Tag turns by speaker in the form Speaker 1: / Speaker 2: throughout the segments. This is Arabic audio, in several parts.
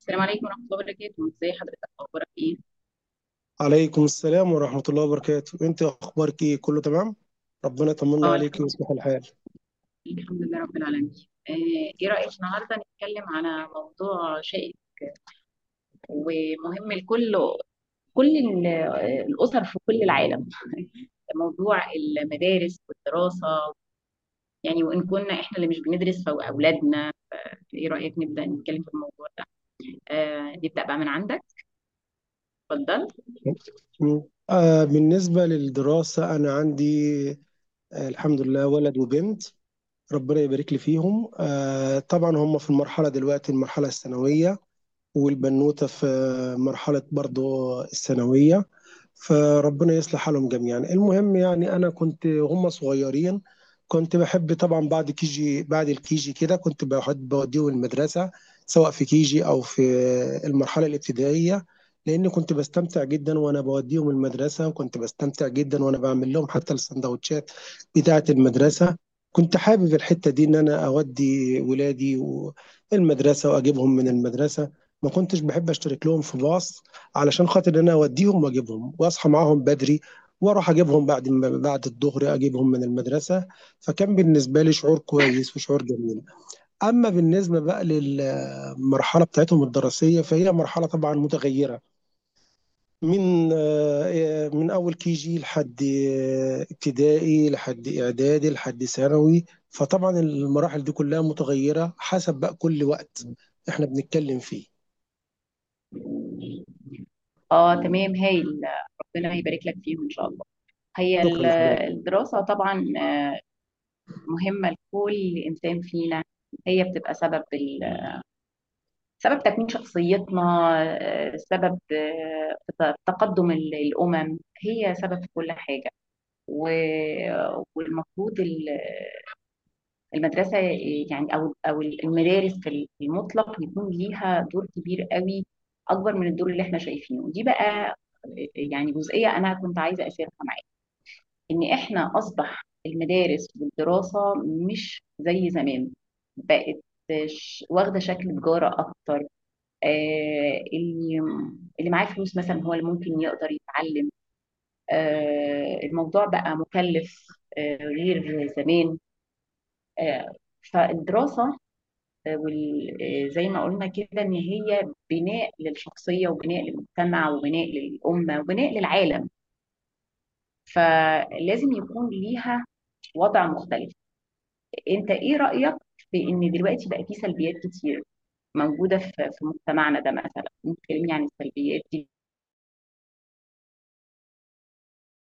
Speaker 1: السلام عليكم ورحمة الله وبركاته، ازي حضرتك، اخبارك ايه؟
Speaker 2: عليكم السلام ورحمة الله وبركاته، انت اخبارك ايه؟ كله تمام. ربنا يطمنا
Speaker 1: اه
Speaker 2: عليك
Speaker 1: الحمد لله.
Speaker 2: ويصلح الحال.
Speaker 1: الحمد لله رب العالمين. ايه رأيك النهارده نتكلم على موضوع شائك ومهم الكل كل ال- الأسر في كل العالم موضوع المدارس والدراسة يعني، وإن كنا احنا اللي مش بندرس فأولادنا. ايه رأيك نبدأ نتكلم في الموضوع ده؟ آه، نبدأ بقى من عندك، اتفضل.
Speaker 2: م. بالنسبة للدراسة انا عندي الحمد لله ولد وبنت، ربنا يبارك لي فيهم. طبعا هم في المرحلة دلوقتي المرحلة الثانوية، والبنوتة في مرحلة برضو الثانوية. فربنا يصلح حالهم جميعا. المهم، يعني أنا كنت هم صغيرين كنت بحب طبعا بعد الكيجي كده كنت بحب بوديهم المدرسة، سواء في كيجي أو في المرحلة الابتدائية، لأن كنت بستمتع جدا وأنا بوديهم المدرسة، وكنت بستمتع جدا وأنا بعمل لهم حتى السندوتشات بتاعة المدرسة. كنت حابب الحتة دي إن أنا أودي ولادي المدرسة وأجيبهم من المدرسة، ما كنتش بحب اشترك لهم في باص، علشان خاطر ان انا اوديهم واجيبهم واصحى معاهم بدري واروح اجيبهم بعد ما بعد الظهر اجيبهم من المدرسه. فكان بالنسبه لي شعور كويس وشعور جميل. اما بالنسبه بقى للمرحله بتاعتهم الدراسيه فهي مرحله طبعا متغيره، من من اول كي جي لحد ابتدائي لحد اعدادي لحد ثانوي، فطبعا المراحل دي كلها متغيره حسب بقى كل وقت احنا بنتكلم فيه.
Speaker 1: اه تمام، هايل. ربنا يبارك لك فيهم ان شاء الله. هي
Speaker 2: شكرا
Speaker 1: ال-
Speaker 2: لحضرتك.
Speaker 1: الدراسة طبعا آه، مهمة لكل إنسان فينا. هي بتبقى سبب تكوين شخصيتنا، سبب، تقدم الأمم. هي سبب في كل حاجة. و... والمفروض المدرسة يعني، أو المدارس في المطلق، يكون ليها دور كبير قوي، أكبر من الدور اللي إحنا شايفينه دي بقى. يعني جزئية أنا كنت عايزة أشيرها، ان احنا اصبح المدارس والدراسة مش زي زمان. بقت واخدة شكل تجارة اكتر. آه، اللي معاه فلوس مثلا هو اللي ممكن يقدر يتعلم. آه، الموضوع بقى مكلف، آه، غير زمان، آه. فالدراسة، آه، وال- زي ما قلنا كده ان هي بناء للشخصية وبناء للمجتمع وبناء للأمة وبناء للعالم، فلازم يكون ليها وضع مختلف. انت ايه رأيك في ان دلوقتي بقى في سلبيات كتير موجودة في مجتمعنا ده؟ مثلا ممكن تكلمني عن السلبيات دي،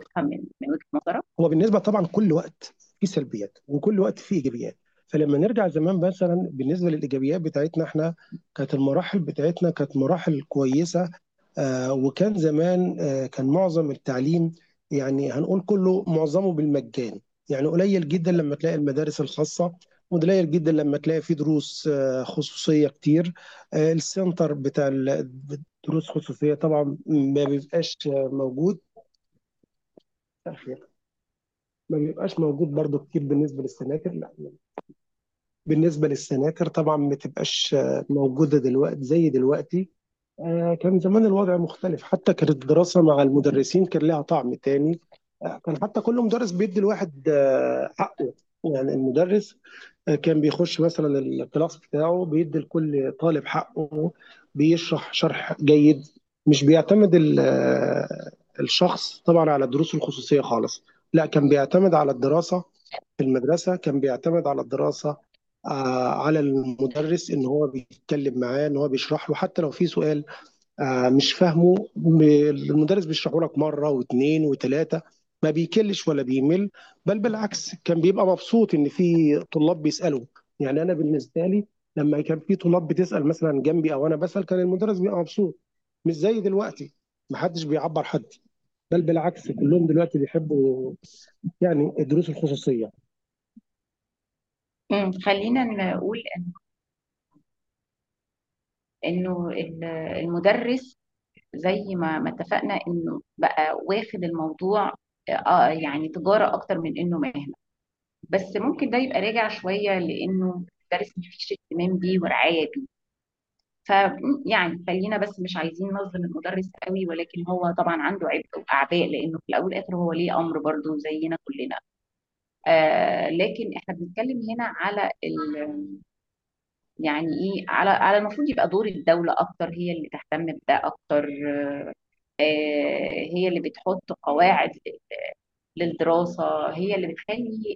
Speaker 1: تفهم من وجهة نظرك.
Speaker 2: هو بالنسبه طبعا كل وقت فيه سلبيات وكل وقت فيه ايجابيات، فلما نرجع زمان مثلا بالنسبه للايجابيات بتاعتنا احنا، كانت المراحل بتاعتنا كانت مراحل كويسه. وكان زمان كان معظم التعليم يعني هنقول كله معظمه بالمجان، يعني قليل جدا لما تلاقي المدارس الخاصه، وقليل جدا لما تلاقي في دروس خصوصيه كتير. آه، السنتر بتاع ال- دروس خصوصيه طبعا ما بيبقاش موجود، ما بيبقاش موجود برضو كتير. بالنسبة للسناتر، لا، بالنسبة للسناتر طبعا ما تبقاش موجودة دلوقتي زي دلوقتي. كان زمان الوضع مختلف، حتى كانت الدراسة مع المدرسين كان لها طعم تاني. كان حتى كل مدرس بيدي الواحد حقه. يعني المدرس كان بيخش مثلا الكلاس بتاعه بيدي لكل طالب حقه، بيشرح شرح جيد، مش بيعتمد ال- الشخص طبعا على الدروس الخصوصية خالص، لا كان بيعتمد على الدراسة في المدرسة، كان بيعتمد على الدراسة على المدرس، ان هو بيتكلم معاه ان هو بيشرح له حتى لو في سؤال مش فاهمه، المدرس بيشرحه لك مره واثنين وثلاثه، ما بيكلش ولا بيمل. بل بالعكس كان بيبقى مبسوط ان في طلاب بيسالوا. يعني انا بالنسبه لي، لما كان في طلاب بتسال مثلا جنبي او انا بسال كان المدرس بيبقى مبسوط، مش زي دلوقتي ما حدش بيعبر حد. بل بالعكس كلهم دلوقتي بيحبوا يعني الدروس الخصوصيه.
Speaker 1: خلينا نقول انه المدرس زي ما اتفقنا انه بقى واخد الموضوع آه، يعني تجارة اكتر من انه مهنة. بس ممكن ده يبقى راجع شوية، لانه المدرس مفيش اهتمام بيه ورعاية. فيعني خلينا بس مش عايزين نظلم المدرس قوي، ولكن هو طبعا عنده عبء واعباء، لانه في الاول والاخر هو ليه امر برضه زينا كلنا. آه لكن احنا بنتكلم هنا على ال، يعني ايه، على على المفروض يبقى دور الدوله اكتر. هي اللي تهتم بده اكتر، آه، هي اللي بتحط قواعد للدراسه، هي اللي بتخلي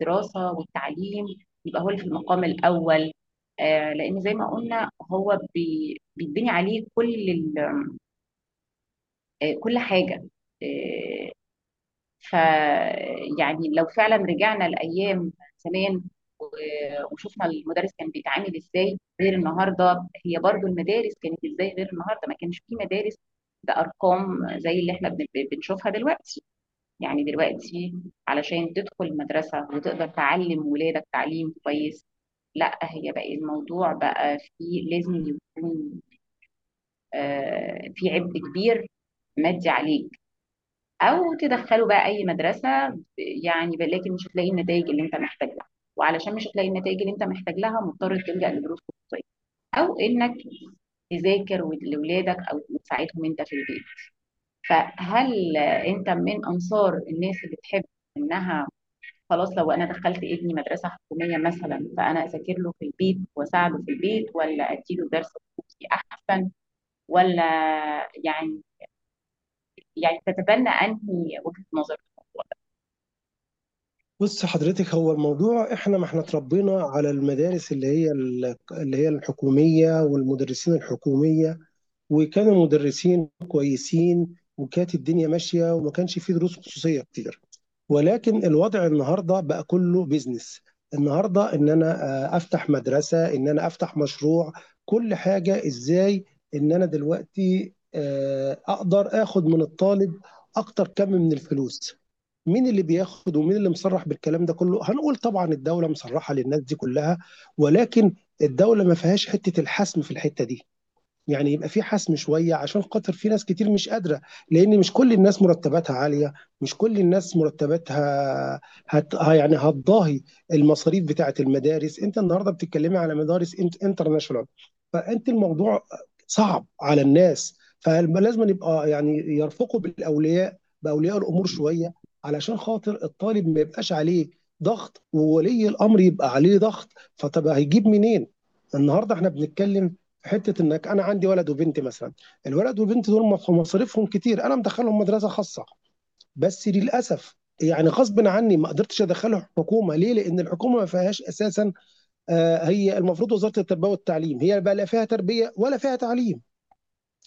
Speaker 1: الدراسه والتعليم يبقى هو اللي في المقام الاول. آه لان زي ما قلنا هو بيتبني عليه كل ال، كل حاجة، آه، ف يعني. لو فعلا رجعنا لأيام زمان وشفنا المدرس كان بيتعامل ازاي غير النهارده، هي برضو المدارس كانت ازاي غير النهارده؟ ما كانش في مدارس بأرقام زي اللي احنا بنشوفها دلوقتي. يعني دلوقتي علشان تدخل مدرسة وتقدر تعلم ولادك تعليم كويس، لا هي بقى الموضوع بقى فيه، لازم يكون في عبء كبير مادي عليك، او تدخله بقى اي مدرسه لكن مش هتلاقي النتائج اللي انت محتاج لها. وعلشان مش هتلاقي النتائج اللي انت محتاج لها، مضطر تلجأ لدروس خصوصيه، او انك تذاكر لاولادك او تساعدهم انت في البيت. فهل انت من انصار الناس اللي تحب انها خلاص لو انا دخلت ابني مدرسه حكوميه مثلا فانا اذاكر له في البيت واساعده في البيت، ولا اديله درس خصوصي احسن؟ ولا يعني، يعني تتبنى انهي وجهه نظر؟
Speaker 2: بص حضرتك، هو الموضوع احنا ما احنا اتربينا على المدارس اللي هي الحكوميه والمدرسين الحكوميه، وكان المدرسين كويسين وكانت الدنيا ماشيه وما كانش في دروس خصوصيه كتير. ولكن الوضع النهارده بقى كله بيزنس. النهارده ان انا افتح مدرسه، ان انا افتح مشروع، كل حاجه ازاي ان انا دلوقتي اقدر اخد من الطالب اكتر كم من الفلوس. مين اللي بياخد ومين اللي مصرح بالكلام ده كله؟ هنقول طبعا الدوله مصرحه للناس دي كلها، ولكن الدوله ما فيهاش حته الحسم في الحته دي. يعني يبقى في حسم شويه عشان خاطر في ناس كتير مش قادره، لان مش كل الناس مرتباتها عاليه، مش كل الناس مرتباتها يعني هتضاهي المصاريف بتاعه المدارس. انت النهارده بتتكلمي على مدارس انترناشونال، فانت الموضوع صعب على الناس. فلازم يبقى يعني يرفقوا بالاولياء، باولياء الامور شويه، علشان خاطر الطالب ما يبقاش عليه ضغط وولي الامر يبقى عليه ضغط. فطب هيجيب منين؟ النهارده احنا بنتكلم حته انك، انا عندي ولد وبنت مثلا، الولد والبنت دول مصاريفهم كتير، انا مدخلهم مدرسه خاصه، بس للاسف يعني غصب عني ما قدرتش ادخله حكومه. ليه؟ لان الحكومه ما فيهاش اساسا. هي المفروض وزاره التربيه والتعليم هي بقى لا فيها تربيه ولا فيها تعليم،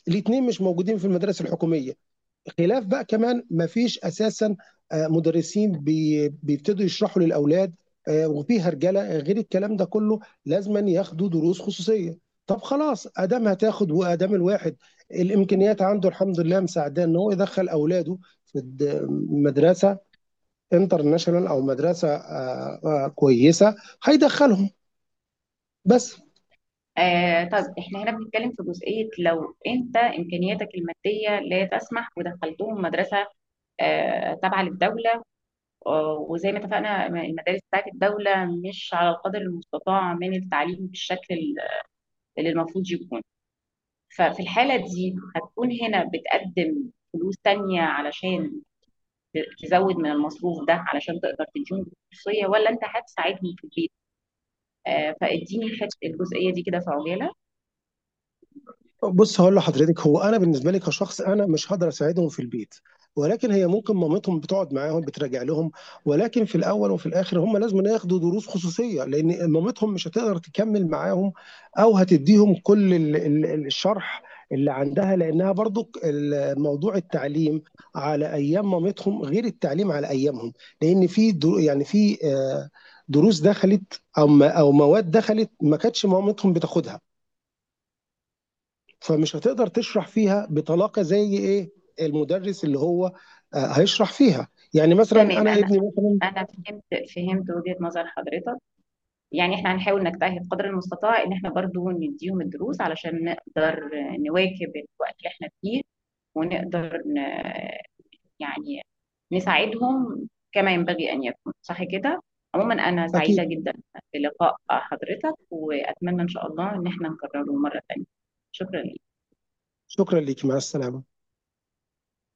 Speaker 2: الاثنين مش موجودين في المدارس الحكوميه. خلاف بقى كمان ما فيش اساسا مدرسين بيبتدوا يشرحوا للاولاد، وفي هرجله غير الكلام ده كله. لازما ياخدوا دروس خصوصيه. طب خلاص، ادام هتاخد وادام الواحد الامكانيات عنده الحمد لله مساعداه ان هو يدخل اولاده في مدرسه انترناشونال او مدرسه كويسه، هيدخلهم بس.
Speaker 1: آه، طب احنا هنا بنتكلم في جزئية، لو انت امكانياتك المادية لا تسمح ودخلتهم مدرسة آه تابعة للدولة، آه وزي ما اتفقنا المدارس بتاعت الدولة مش على القدر المستطاع من التعليم بالشكل اللي المفروض يكون، ففي الحالة دي هتكون هنا بتقدم فلوس تانية علشان تزود من المصروف ده علشان تقدر تديهم خصوصية، ولا انت هتساعدني في البيت؟ آه، فاديني الجزئية دي كده في عجالة.
Speaker 2: بُص هاقول لحضرتك، هو أنا بالنسبة لي كشخص أنا مش هاقدر أساعدهم في البيت، ولكن هي ممكن مامتهم بتقعد معاهم بتراجع لهم، ولكن في الأول وفي الآخر هم لازمًا ياخدوا دروس خصوصية، لإن مامتهم مش هتقدر تكمّل معاهم أو هتدّيهم كل ال ال ال الشرح اللي عندها، لإنها برضُك ال موضوع التعليم على أيام مامتهم غير التعليم على أيامهم، لإن في دروس دخلِت أو مواد دخلِت ما كانتش مامتهم بتاخدها. فمش هتقدر تشرح فيها بطلاقه زي ايه المدرس اللي هو هيشرح فيها. يعني مثلا
Speaker 1: تمام،
Speaker 2: انا
Speaker 1: انا
Speaker 2: ابني مثلا،
Speaker 1: انا فهمت، فهمت وجهة نظر حضرتك. يعني احنا هنحاول نجتهد قدر المستطاع ان احنا برضو نديهم الدروس علشان نقدر نواكب الوقت اللي احنا فيه، ونقدر يعني نساعدهم كما ينبغي ان يكون، صح كده؟ عموما انا
Speaker 2: اكيد.
Speaker 1: سعيدة جدا بلقاء حضرتك، واتمنى ان شاء الله ان احنا نكرره مرة تانية. شكرا
Speaker 2: شكرا ليك، مع السلامه.